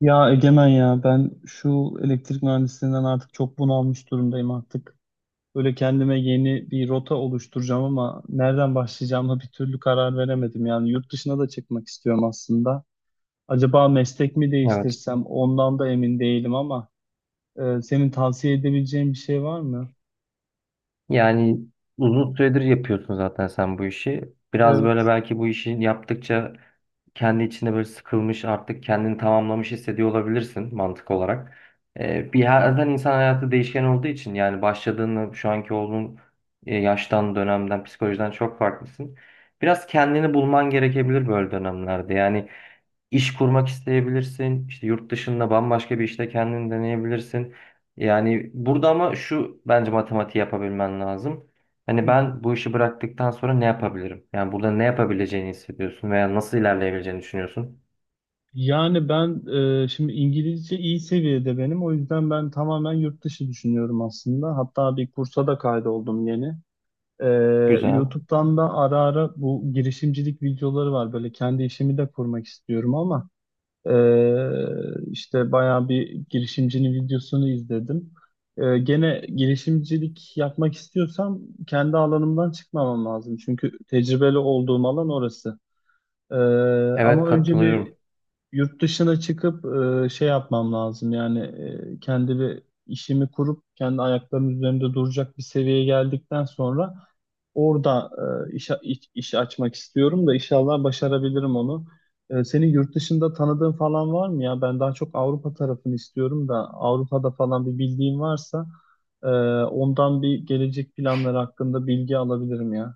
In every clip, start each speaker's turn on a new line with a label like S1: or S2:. S1: Ya Egemen ya ben şu elektrik mühendisliğinden artık çok bunalmış durumdayım artık. Böyle kendime yeni bir rota oluşturacağım ama nereden başlayacağıma bir türlü karar veremedim. Yani yurt dışına da çıkmak istiyorum aslında. Acaba meslek mi
S2: Evet.
S1: değiştirsem ondan da emin değilim ama senin tavsiye edebileceğin bir şey var mı?
S2: Yani uzun süredir yapıyorsun zaten sen bu işi. Biraz böyle
S1: Evet.
S2: belki bu işi yaptıkça kendi içinde böyle sıkılmış artık kendini tamamlamış hissediyor olabilirsin mantık olarak. Zaten insan hayatı değişken olduğu için yani başladığını şu anki olduğun yaştan, dönemden, psikolojiden çok farklısın. Biraz kendini bulman gerekebilir böyle dönemlerde. Yani İş kurmak isteyebilirsin. İşte yurt dışında bambaşka bir işte kendini deneyebilirsin. Yani burada ama şu bence matematiği yapabilmen lazım.
S1: Hı
S2: Hani
S1: hı.
S2: ben bu işi bıraktıktan sonra ne yapabilirim? Yani burada ne yapabileceğini hissediyorsun veya nasıl ilerleyebileceğini düşünüyorsun.
S1: Yani ben şimdi İngilizce iyi seviyede benim. O yüzden ben tamamen yurt dışı düşünüyorum aslında. Hatta bir kursa da kaydoldum yeni. Ee,
S2: Güzel.
S1: YouTube'dan da ara ara bu girişimcilik videoları var. Böyle kendi işimi de kurmak istiyorum ama işte bayağı bir girişimcinin videosunu izledim. Gene girişimcilik yapmak istiyorsam kendi alanımdan çıkmamam lazım. Çünkü tecrübeli olduğum alan orası. Ee,
S2: Evet,
S1: Ama önce bir
S2: katılıyorum.
S1: yurt dışına çıkıp şey yapmam lazım, yani kendi bir işimi kurup kendi ayaklarımın üzerinde duracak bir seviyeye geldikten sonra orada iş açmak istiyorum da inşallah başarabilirim onu. Senin yurt dışında tanıdığın falan var mı ya? Ben daha çok Avrupa tarafını istiyorum da Avrupa'da falan bir bildiğin varsa e, ondan bir gelecek planları hakkında bilgi alabilirim ya.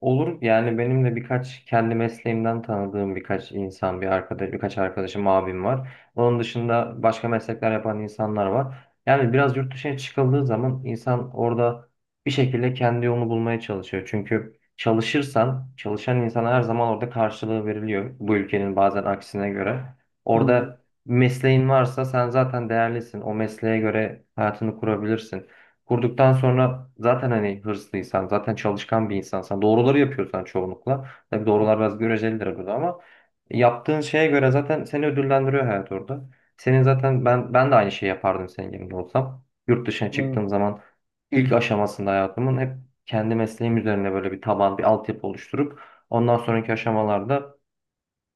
S2: Olur, yani benim de birkaç kendi mesleğimden tanıdığım birkaç insan, bir arkadaş, birkaç arkadaşım, abim var. Onun dışında başka meslekler yapan insanlar var. Yani biraz yurt dışına çıkıldığı zaman insan orada bir şekilde kendi yolunu bulmaya çalışıyor. Çünkü çalışırsan, çalışan insana her zaman orada karşılığı veriliyor. Bu ülkenin bazen aksine göre.
S1: Hı.
S2: Orada mesleğin varsa sen zaten değerlisin. O mesleğe göre hayatını kurabilirsin. Kurduktan sonra zaten hani hırslıysan, zaten çalışkan bir insansan, doğruları yapıyorsan çoğunlukla. Tabii doğrular biraz görecelidir burada ama yaptığın şeye göre zaten seni ödüllendiriyor hayat orada. Senin zaten ben de aynı şeyi yapardım senin yerinde olsam. Yurt dışına
S1: Evet,
S2: çıktığım zaman ilk aşamasında hayatımın hep kendi mesleğim üzerine böyle bir taban, bir altyapı oluşturup ondan sonraki aşamalarda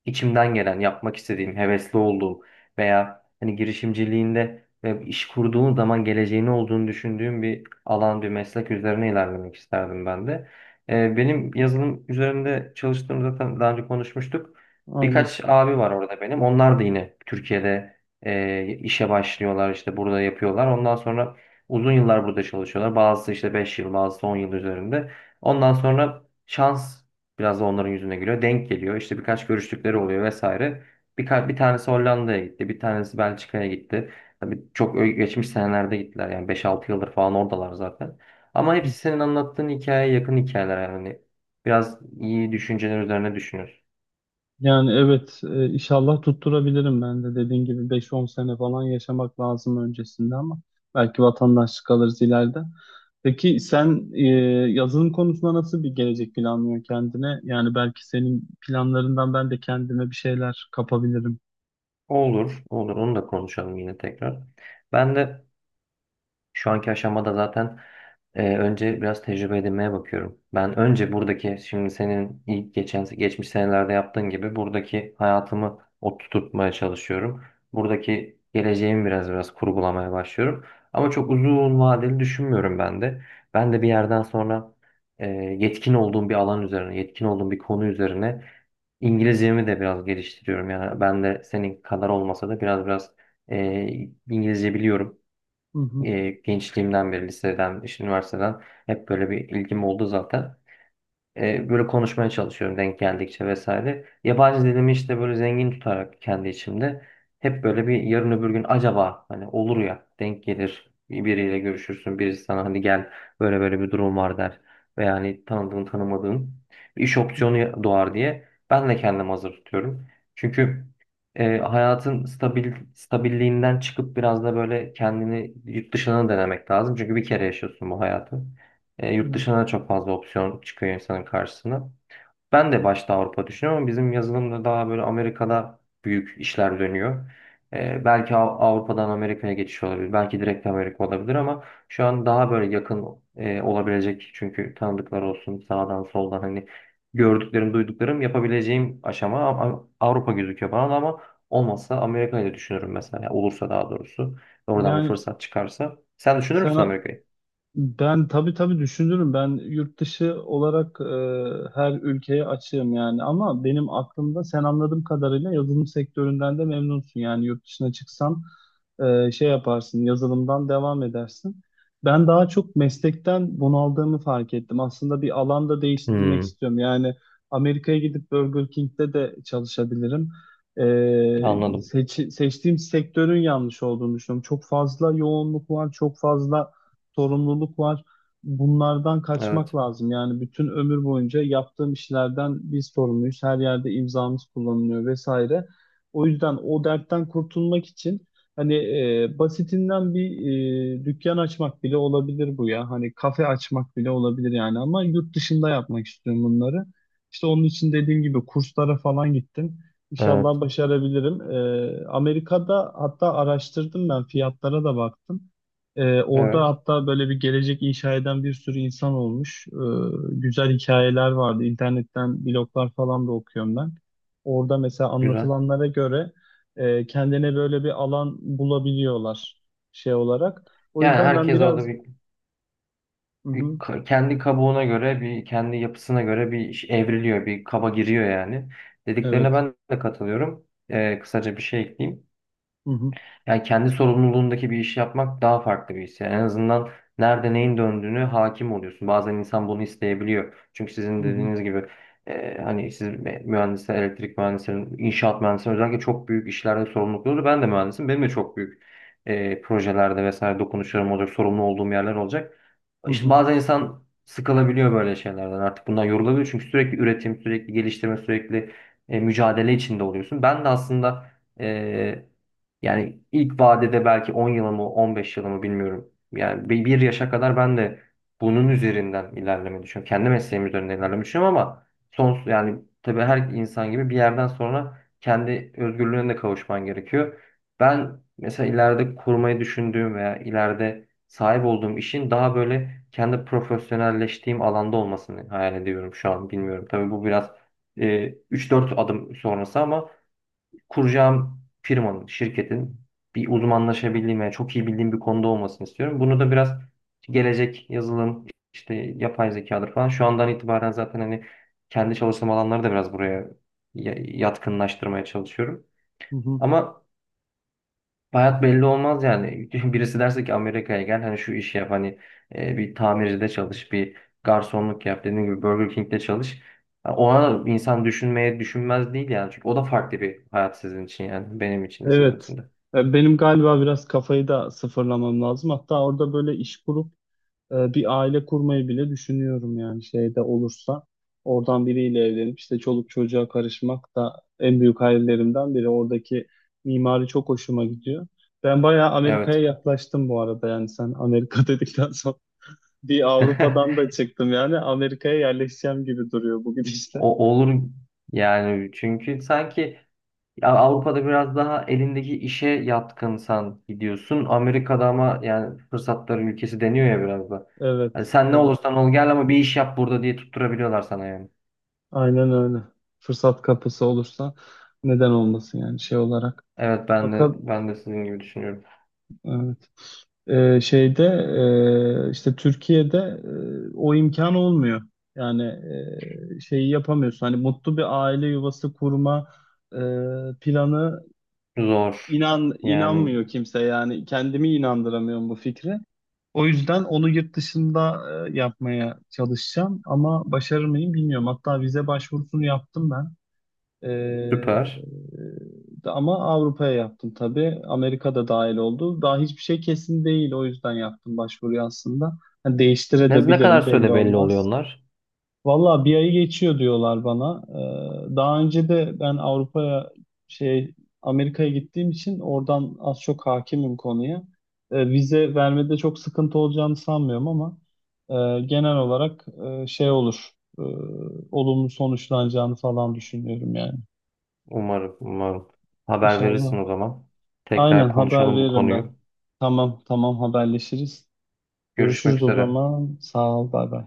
S2: içimden gelen, yapmak istediğim, hevesli olduğum veya hani girişimciliğinde ve iş kurduğun zaman geleceğini olduğunu düşündüğüm bir alan, bir meslek üzerine ilerlemek isterdim ben de. Benim yazılım üzerinde çalıştığım zaten daha önce konuşmuştuk.
S1: aynen.
S2: Birkaç abi var orada benim. Onlar da yine Türkiye'de işe başlıyorlar, işte burada yapıyorlar. Ondan sonra uzun yıllar burada çalışıyorlar. Bazısı işte 5 yıl, bazısı 10 yıl üzerinde. Ondan sonra şans biraz da onların yüzüne gülüyor. Denk geliyor. İşte birkaç görüştükleri oluyor vesaire. Bir tanesi Hollanda'ya gitti. Bir tanesi Belçika'ya gitti. Tabii çok geçmiş senelerde gittiler. Yani beş altı yıldır falan oradalar zaten. Ama hepsi senin anlattığın hikayeye yakın hikayeler yani. Hani biraz iyi düşünceler üzerine düşünüyorsun.
S1: Yani evet, inşallah tutturabilirim, ben de dediğin gibi 5-10 sene falan yaşamak lazım öncesinde ama belki vatandaşlık alırız ileride. Peki sen, yazılım konusunda nasıl bir gelecek planlıyorsun kendine? Yani belki senin planlarından ben de kendime bir şeyler kapabilirim.
S2: Olur, olur. Onu da konuşalım yine tekrar. Ben de şu anki aşamada zaten önce biraz tecrübe edinmeye bakıyorum. Ben önce buradaki şimdi senin ilk geçmiş senelerde yaptığın gibi buradaki hayatımı oturtmaya çalışıyorum. Buradaki geleceğimi biraz kurgulamaya başlıyorum. Ama çok uzun vadeli düşünmüyorum ben de. Ben de bir yerden sonra yetkin olduğum bir alan üzerine, yetkin olduğum bir konu üzerine İngilizcemi de biraz geliştiriyorum. Yani ben de senin kadar olmasa da biraz e, İngilizce biliyorum.
S1: Hı hı.
S2: Gençliğimden beri liseden, işte üniversiteden hep böyle bir ilgim oldu zaten. Böyle konuşmaya çalışıyorum denk geldikçe vesaire. Yabancı dilimi işte böyle zengin tutarak kendi içimde hep böyle bir yarın öbür gün acaba hani olur ya denk gelir biriyle görüşürsün birisi sana hani gel böyle böyle bir durum var der veya hani tanıdığın tanımadığın bir iş opsiyonu doğar diye ben de kendimi hazır tutuyorum. Çünkü hayatın stabilliğinden çıkıp biraz da böyle kendini yurt dışına denemek lazım. Çünkü bir kere yaşıyorsun bu hayatı. E, yurt
S1: Evet.
S2: dışına da çok fazla opsiyon çıkıyor insanın karşısına. Ben de başta Avrupa düşünüyorum ama bizim yazılımda daha böyle Amerika'da büyük işler dönüyor. E, belki Avrupa'dan Amerika'ya geçiş olabilir. Belki direkt Amerika olabilir ama şu an daha böyle yakın olabilecek. Çünkü tanıdıklar olsun sağdan soldan hani gördüklerim, duyduklarım yapabileceğim aşama ama Avrupa gözüküyor bana da ama olmazsa Amerika'yı da düşünürüm mesela. Olursa daha doğrusu. Oradan bir
S1: Yani
S2: fırsat çıkarsa. Sen düşünür
S1: sen
S2: müsün Amerika'yı?
S1: Ben tabii tabii düşünürüm. Ben yurt dışı olarak her ülkeye açığım yani. Ama benim aklımda sen, anladığım kadarıyla, yazılım sektöründen de memnunsun. Yani yurt dışına çıksan şey yaparsın, yazılımdan devam edersin. Ben daha çok meslekten bunaldığımı fark ettim. Aslında bir alanda değiştirmek
S2: Hmm,
S1: istiyorum. Yani Amerika'ya gidip Burger King'de de çalışabilirim. E,
S2: anladım.
S1: Seçtiğim sektörün yanlış olduğunu düşünüyorum. Çok fazla yoğunluk var, çok fazla sorumluluk var. Bunlardan kaçmak
S2: Evet.
S1: lazım. Yani bütün ömür boyunca yaptığım işlerden biz sorumluyuz. Her yerde imzamız kullanılıyor vesaire. O yüzden o dertten kurtulmak için, hani, basitinden bir dükkan açmak bile olabilir bu ya. Hani kafe açmak bile olabilir yani, ama yurt dışında yapmak istiyorum bunları. İşte onun için dediğim gibi kurslara falan gittim. İnşallah
S2: Evet.
S1: başarabilirim. Amerika'da hatta araştırdım ben, fiyatlara da baktım. Orada
S2: Evet.
S1: hatta böyle bir gelecek inşa eden bir sürü insan olmuş. Güzel hikayeler vardı. İnternetten bloglar falan da okuyorum ben. Orada mesela
S2: Güzel.
S1: anlatılanlara göre kendine böyle bir alan bulabiliyorlar şey olarak. O
S2: Yani
S1: yüzden ben
S2: herkes orada
S1: biraz... Hı hı,
S2: kendi kabuğuna göre, bir kendi yapısına göre bir iş evriliyor, bir kaba giriyor yani. Dediklerine
S1: evet.
S2: ben de katılıyorum. Kısaca bir şey ekleyeyim.
S1: Hı hı,
S2: Yani kendi sorumluluğundaki bir işi yapmak daha farklı bir his. Yani en azından nerede neyin döndüğünü hakim oluyorsun. Bazen insan bunu isteyebiliyor. Çünkü sizin
S1: hı hı,
S2: dediğiniz gibi hani siz mühendisler, elektrik mühendislerin, inşaat mühendislerin özellikle çok büyük işlerde sorumlulukları. Ben de mühendisim. Benim de çok büyük projelerde vesaire dokunuşlarım olacak, sorumlu olduğum yerler olacak.
S1: hı
S2: İşte
S1: hı,
S2: bazen insan sıkılabiliyor böyle şeylerden artık bundan yorulabiliyor çünkü sürekli üretim, sürekli geliştirme, sürekli mücadele içinde oluyorsun. Ben de aslında e, yani ilk vadede belki 10 yılımı, 15 yılımı bilmiyorum. Yani bir yaşa kadar ben de bunun üzerinden ilerlemeyi düşünüyorum. Kendi mesleğim üzerinden ilerlemeyi düşünüyorum ama son yani tabii her insan gibi bir yerden sonra kendi özgürlüğüne de kavuşman gerekiyor. Ben mesela ileride kurmayı düşündüğüm veya ileride sahip olduğum işin daha böyle kendi profesyonelleştiğim alanda olmasını hayal ediyorum şu an bilmiyorum. Tabii bu biraz 3-4 adım sonrası ama kuracağım firmanın, şirketin bir uzmanlaşabildiğim ve çok iyi bildiğim bir konuda olmasını istiyorum. Bunu da biraz gelecek yazılım, işte yapay zekadır falan. Şu andan itibaren zaten hani kendi çalışma alanları da biraz buraya yatkınlaştırmaya çalışıyorum.
S1: hı hı.
S2: Ama hayat belli olmaz yani. Birisi derse ki Amerika'ya gel hani şu işi yap hani bir tamircide çalış, bir garsonluk yap dediğim gibi Burger King'de çalış. Ha, ona da insan düşünmeye düşünmez değil yani. Çünkü o da farklı bir hayat sizin için yani. Benim için de sizin
S1: Evet.
S2: için de.
S1: Benim galiba biraz kafayı da sıfırlamam lazım. Hatta orada böyle iş kurup bir aile kurmayı bile düşünüyorum yani, şeyde olursa. Oradan biriyle evlenip işte çoluk çocuğa karışmak da en büyük hayallerimden biri. Oradaki mimari çok hoşuma gidiyor. Ben bayağı Amerika'ya
S2: Evet.
S1: yaklaştım bu arada, yani sen Amerika dedikten sonra bir Avrupa'dan da çıktım, yani Amerika'ya yerleşeceğim gibi duruyor bu gidişle.
S2: O olur yani çünkü sanki ya Avrupa'da biraz daha elindeki işe yatkınsan gidiyorsun. Amerika'da ama yani fırsatların ülkesi deniyor ya biraz da. Hani
S1: Evet,
S2: sen ne
S1: evet.
S2: olursan ol gel ama bir iş yap burada diye tutturabiliyorlar sana yani.
S1: Aynen öyle. Fırsat kapısı olursa neden olmasın yani, şey olarak.
S2: Evet, ben
S1: Fakat
S2: de ben de sizin gibi düşünüyorum.
S1: Evet. Şeyde, işte Türkiye'de o imkan olmuyor. Yani şeyi yapamıyorsun. Hani mutlu bir aile yuvası kurma e, planı,
S2: Zor.
S1: inan
S2: Yani
S1: inanmıyor kimse. Yani kendimi inandıramıyorum bu fikre. O yüzden onu yurt dışında yapmaya çalışacağım, ama başarır mıyım bilmiyorum. Hatta vize başvurusunu yaptım ben. Ee,
S2: süper.
S1: Ama Avrupa'ya yaptım tabii. Amerika da dahil oldu. Daha hiçbir şey kesin değil. O yüzden yaptım başvuruyu aslında. Hani
S2: Ne, ne kadar
S1: değiştirebilirim, belli
S2: süre belli oluyor
S1: olmaz.
S2: onlar?
S1: Valla 1 ayı geçiyor diyorlar bana. Daha önce de ben Avrupa'ya şey Amerika'ya gittiğim için oradan az çok hakimim konuya. Vize vermede çok sıkıntı olacağını sanmıyorum ama genel olarak şey olur, e, olumlu sonuçlanacağını falan düşünüyorum yani.
S2: Umarım, umarım. Haber verirsin
S1: İnşallah.
S2: o zaman.
S1: Aynen,
S2: Tekrar
S1: haber
S2: konuşalım bu
S1: veririm ben.
S2: konuyu.
S1: Tamam, tamam, haberleşiriz.
S2: Görüşmek
S1: Görüşürüz o
S2: üzere.
S1: zaman. Sağ ol, bay bay.